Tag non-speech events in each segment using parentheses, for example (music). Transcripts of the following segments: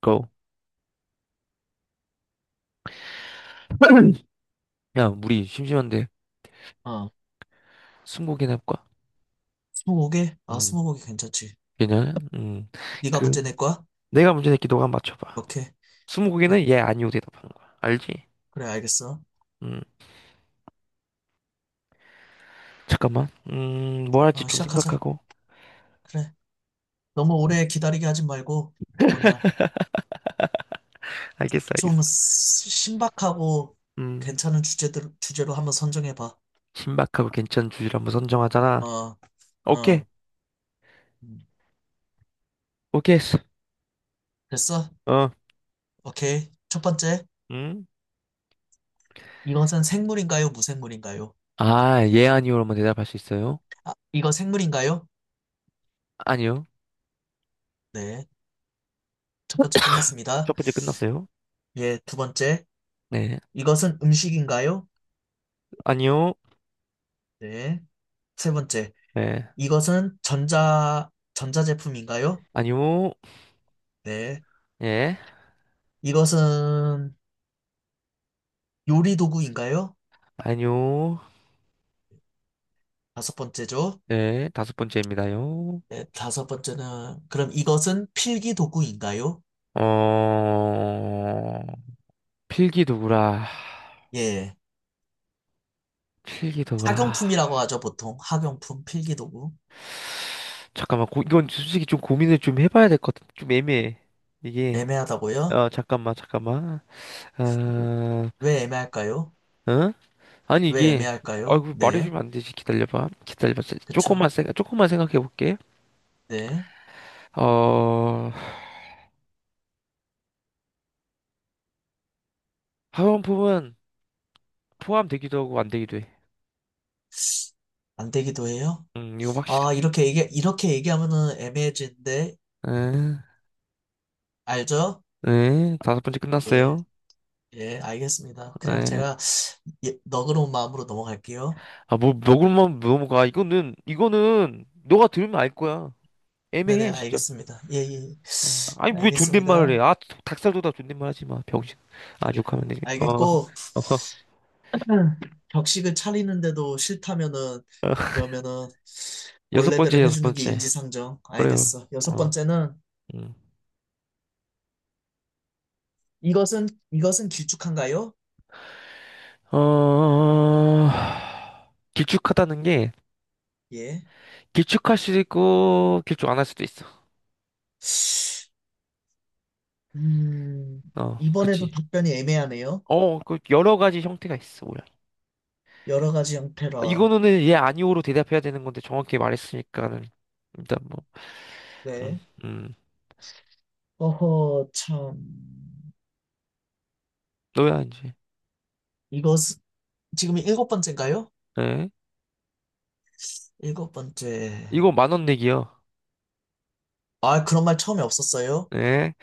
고. (clears throat) 야, 우리 심심한데 어, 스무고개나 해볼까? 스무고개? 아, 음, 스무고개 괜찮지. 괜찮아? 네가 그 문제 낼 거야? 내가 문제 낼게 너가 한번 맞춰봐. 오케이. 그래, 스무고개는 예, 아니오 대답하는 거야. 알지? 그래, 알겠어. 음, 잠깐만. 뭐 할지 어, 좀 시작하자. 생각하고. 그래. 너무 오래 기다리게 하지 말고, 뭐냐, 알겠어, 좀 알겠어. 신박하고 음, 괜찮은 주제로 한번 선정해봐. 신박하고 괜찮은 주제를 한번 선정하잖아. 어, 오케이, 어, 음, 오케이 했어. 됐어? 어, 오케이. 첫 번째, 음? 이것은 생물인가요, 무생물인가요? 아, 예, 아니오로만 대답할 수 있어요? 이거 생물인가요? 아니요. 네. 첫 번째 (clears throat) 끝났습니다. 첫 번째 끝났어요. 예, 두 번째, 네, 이것은 음식인가요? 아니요. 네. 세 번째, 네, 이것은 전자제품인가요? 아니요. 네. 예, 이것은 요리 도구인가요? 아니요. 다섯 번째죠. 네, 다섯 번째입니다요. 네, 다섯 번째는, 그럼 이것은 필기 도구인가요? 어, 필기도구라. 예. 필기도구라. 학용품이라고 하죠, 보통. 학용품, 필기 도구. 잠깐만, 고, 이건 솔직히 좀 고민을 좀 해봐야 될 것 같아. 좀 애매해. 이게, 애매하다고요? 잠깐만, 잠깐만. 어, 왜 애매할까요? 어? 아니, 왜 이게, 애매할까요? 아이고, 네. 말해주면 안 되지. 기다려봐. 기다려봐. 그쵸. 조금만, 조금만 생각해볼게. 네. 어, 화장품은 포함되기도 하고 안 되기도 해. 안 되기도 해요. 이건 확실해. 아, 이렇게 얘기하면은 애매해지는데, 에, 알죠? 에, 다섯 번째 예. 끝났어요. 예, 알겠습니다. 그냥 에. 제가, 예, 너그러운 마음으로 넘어갈게요. 아, 뭐, 먹을만 넘어가. 이거는, 이거는, 너가 들으면 알 거야. 네네, 애매해, 진짜. 알겠습니다. 예, 예. 음. 아니, 왜 존댓말을 해? 알겠습니다. 아, 닭살도 다 존댓말 하지 마. 병신. 아, 욕하면 되지. 어, 알겠고. 어. 음. 격식을 차리는데도 싫다면은, 그러면은, 여섯 원래대로 번째, 여섯 해주는 게 번째. 인지상정. 그래요. 알겠어. 여섯 어, 번째는, 음. 이것은 길쭉한가요? 어, 길쭉하다는 게, 예. 길쭉할 수도 있고, 길쭉 안 할 수도 있어. 음, 어, 이번에도 그치. 답변이 애매하네요. 그, 여러 가지 형태가 있어, 모양. 여러 가지 형태라. 이거는 예, 아니오로 대답해야 되는 건데, 정확히 말했으니까는, 일단 뭐, 음, 네. 음. 어허, 참. 너야, 이제. 이것, 지금이 일곱 번째인가요? 네. 일곱 번째. 이거 만원 내기요. 아, 그런 말 처음에 없었어요? 네.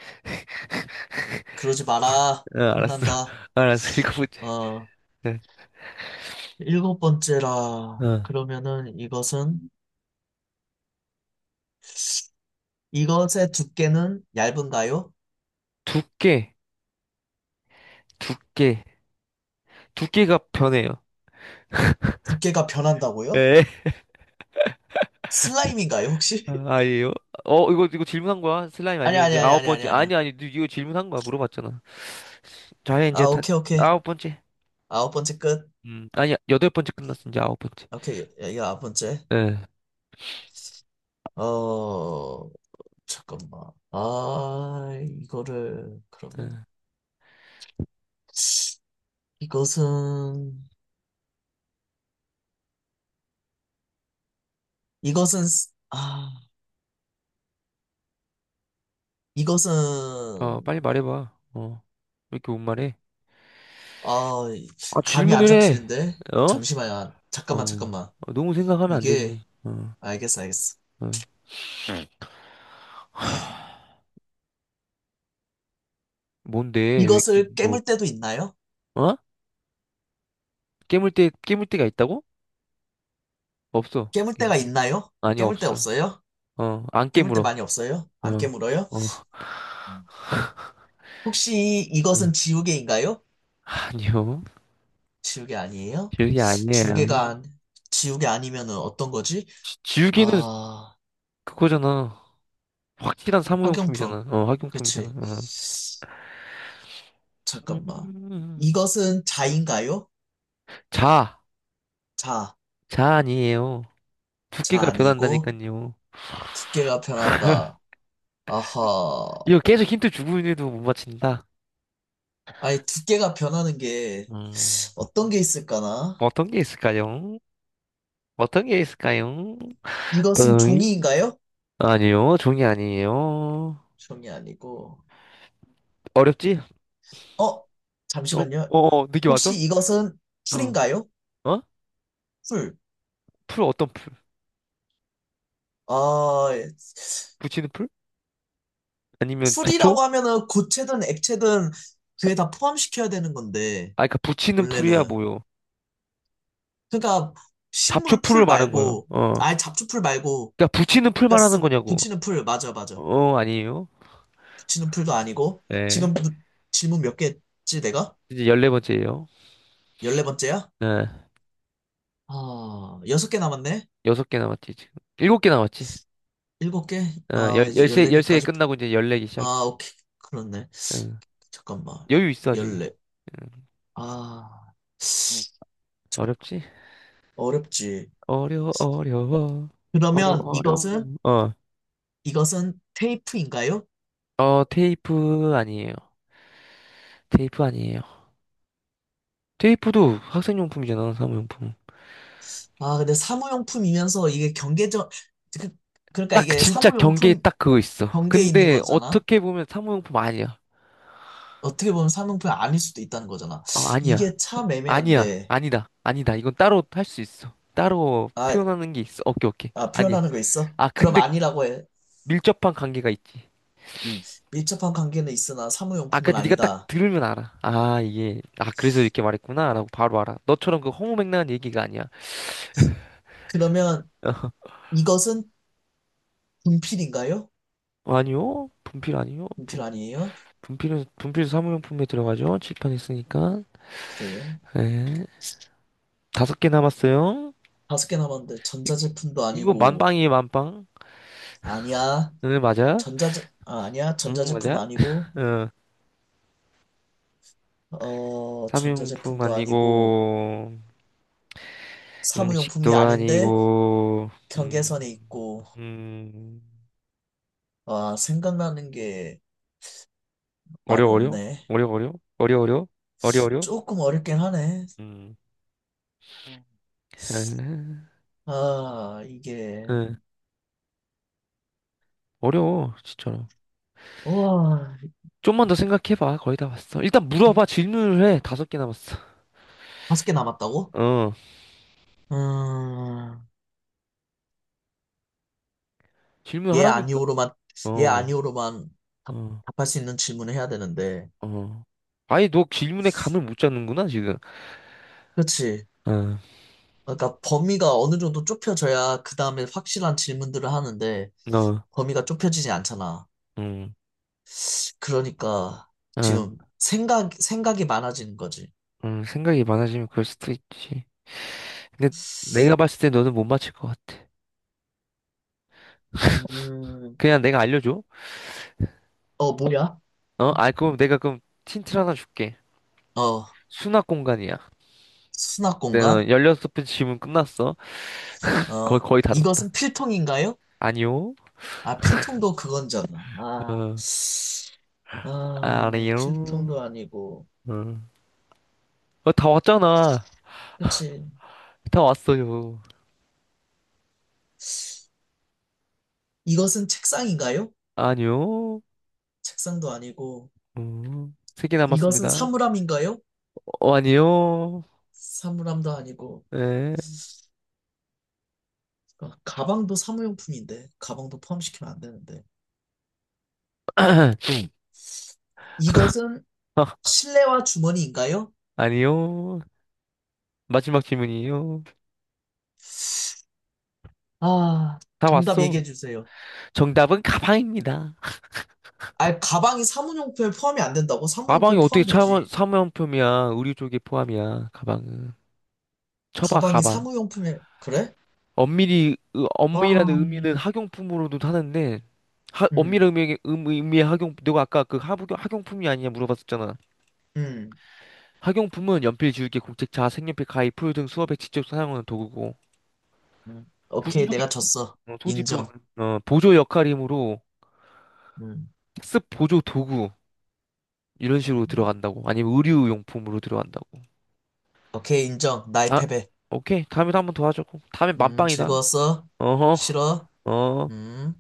그러지 마라. 알았어. (laughs) 혼난다. 알았어. 이거 문제. 어, 네. 일곱 번째라. 어. 그러면은 이것의 두께는 얇은가요? 두께, 두께, 두께가 변해요. 두께가 변한다고요? 예. 슬라임인가요, 혹시? 아, (laughs) 아니에요? 이거 질문한 거야? 슬라임 아니, 아니에요? 아니, 이제 아니, 아홉 아니, 아니, 번째. 아니. 아니, 아니, 너 이거 질문한 거야? 물어봤잖아. 자, 이제 아, 다, 오케이, 오케이. 아홉 번째. 아홉 번째 끝. 아니, 여덟 번째 끝났어. 이제 아홉 번째. 오케이, 이거 아홉 번째. 예. 어, 잠깐만. 아, 이거를, 그러면, 예. 이것은, 이것은, 이것은, 빨리 말해봐. 어. 왜 이렇게 못 말해? 아 아, 감이 안 질문을 해. 잡히는데 어? 잠시만요. 잠깐만, 어. 잠깐만. 너무 생각하면 안 이게 되지. 어. 알겠어, 알겠어. 어. 뭔데? 왜, 이렇게 이것을 뭐, 깨물 때도 있나요? 어? 깨물 때, 깨물 때가 있다고? 없어. 깨물 깨물 때가 때. 있나요? 아니, 깨물 때 없어. 없어요? 안 깨물 때 깨물어. 많이 없어요? 안 어, 깨물어요? 어, 음. 혹시 이것은 (laughs) 지우개인가요? 아니요. 지우개 아니에요? 지우개 아니에요. 지우개가 안- 지우개 아니면은 어떤 거지? 지우개는 아, 그거잖아. 확실한 학용품. 사무용품이잖아. 학용품이잖아. 그치. 어. 잠깐만. 음. 이것은 자인가요? 자, 자, 자 아니에요. 자 두께가 아니고. 변한다니까요. 두께가 변한다. 아하. 이거 계속 힌트 주고 있는데도 못 맞힌다. 아니, 두께가 변하는 게 음. 어떤 게 있을까나? 어떤 게 있을까요? 어떤 게 있을까요? 이것은 이 종이인가요? 아니요, 종이 아니에요. 종이 아니고. 어렵지? 어? 어, 잠시만요. 느낌 혹시 왔어? 이것은 어, 풀인가요? 어? 풀. 풀 어떤 풀? 아, 예. 붙이는 풀? 아니면 잡초? 풀이라고 하면은 고체든 액체든 그게 다 포함시켜야 되는 건데, 아, 그니까 붙이는 풀이야 원래는. 뭐요? 그러니까 잡초 식물 풀을 풀 말한 거예요. 말고, 아예 잡초 풀 말고, 그니까 붙이는 풀 그러니까 말하는 거냐고? 붙이는 풀, 맞아, 맞아. 아니에요. 지눈풀도 아니고 네, 지금 질문 몇 개지 내가? 이제 열네 번째예요. 14번째야? 네, 아, 6개 남았네? 여섯 개 남았지 지금. 일곱 개 남았지. 7개? 아, 열 이제 열세 열세 개 14개까지. 끝나고 이제 열네 개 시작이야. 아, 오케이. 그렇네. 응, 잠깐만. 여유 있어야지. 14. 응, 아, 음. 어렵지? 어렵지. 어려워 어려워 그러면 어려워. 이것은 어려워. 이것은 테이프인가요? 테이프 아니에요. 테이프 아니에요. 테이프도 학생용품이잖아, 사무용품. 아, 근데 사무용품이면서 이게 경계적, 그, 그러니까 딱 이게 진짜 경계에 사무용품 딱 그거 있어. 경계에 있는 근데 거잖아. 어떻게 보면 사무용품 아니야. 어떻게 보면 사무용품이 아닐 수도 있다는 거잖아. 아니야. 이게 참 아니야. 애매한데. 아니다. 아니다. 이건 따로 할 수 있어. 따로 아, 표현하는 게 있어. 오케이, 오케이. 아, 아니. 표현하는 거 있어? 아, 그럼 근데 아니라고 해. 밀접한 관계가 있지. 응. 밀접한 관계는 있으나 아까 사무용품은 네가 딱 아니다. 들으면 알아. 아, 이게 아, 그래서 이렇게 말했구나라고 바로 알아. 너처럼 그 허무맹랑한 얘기가 아니야. 그러면 이것은 분필인가요? 아니요. 분필 아니요. 분필 분, 아니에요? 분필은 분필 사무용품에 들어가죠. 칠판 있으니까. 그래요. 네. 다섯 개 남았어요. 다섯 개 남았는데 전자제품도 이거 아니고. 만빵이에요, 만빵. 아니야. 응, 맞아? 아니야. 응, 전자제품 맞아? 아니고, 응. 사무용품 전자제품도 아니고, 아니고, 사무용품이 음식도 아닌데 아니고, 경계선에 음, 있고, 음, 생각나는 게 어려, 많이 어려? 없네. 어려, 어려? 어려, 어려? 어려, 어려? 조금 어렵긴 하네. 음, 아, 아 이게 응, 어려워, 진짜로. 와, 좀만 더 생각해봐, 거의 다 왔어. 일단 물어봐, 질문을 해. 다섯 개 남았어. 다섯 개 남았다고? 어, 음, 예 질문하라니까. 아니오로만, 예 어, 아니오로만 답, 어, 답할 수 있는 질문을 해야 되는데. 어. 아예 너 질문에 감을 못 잡는구나, 지금. 그렇지. 어, 그러니까 범위가 어느 정도 좁혀져야 그 다음에 확실한 질문들을 하는데, 너, 범위가 좁혀지지 않잖아. 음. 그러니까 어. 지금 생각이 많아지는 거지. 생각이 많아지면 그럴 수도 있지. 근데 내가 봤을 때 너는 못 맞힐 것 같아. 음, 그냥 내가 알려줘. 뭐야? 어? 아, 그럼 내가 그럼 힌트를 하나 줄게. 어 수납 공간이야. 수납 내가 공간. 16번 질문 끝났어. 거의, 거의 다 줬다. 이것은 필통인가요? 아니요. 아, 필통도 그건잖아. 아, 어, 아니요. 필통도 아니고. 어, 다 왔잖아. 그치. 다 왔어요. 이것은 책상인가요? 아니요. 책상도 아니고. 어, 세개 이것은 남았습니다. 사물함인가요? 아니요. 사물함도 아니고. 네. 그러니까 가방도 사무용품인데, 가방도 포함시키면 안 되는데. (clears throat) 이것은 어, 실내화 주머니인가요? 아니요. 마지막 질문이에요. 아, 다 정답 왔어. 얘기해 주세요. 정답은 가방입니다. 아, 가방이 사무용품에 포함이 안 된다고? 가방이 사무용품에 어떻게 원 포함되지. 사무용품이야? 의류 쪽에 포함이야, 가방은. 쳐봐, 가방이 가방. 사무용품에, 그래? 엄밀히, 와. 엄밀한 의미는 학용품으로도 하는데, 하, 엄밀한 음. 의미, 의미의 내가 아까 그 학용품이 아니냐 물어봤었잖아. 음. 학용품은 연필, 지우개, 공책자, 색연필, 가위, 풀 등 수업에 직접 사용하는 도구고, 음. 오케이, 내가 졌어. 어, 소지품은 인정. 어, 보조 역할이므로 음. 학습 보조 도구 이런 식으로 음. 들어간다고. 아니면 의류용품으로 들어간다고. 오케이, 인정. 나의 아, 패배. 오케이. 다음에 한번 더 하자고. 다음에 만빵이다. 즐거웠어? 어허, 싫어? 어. 음.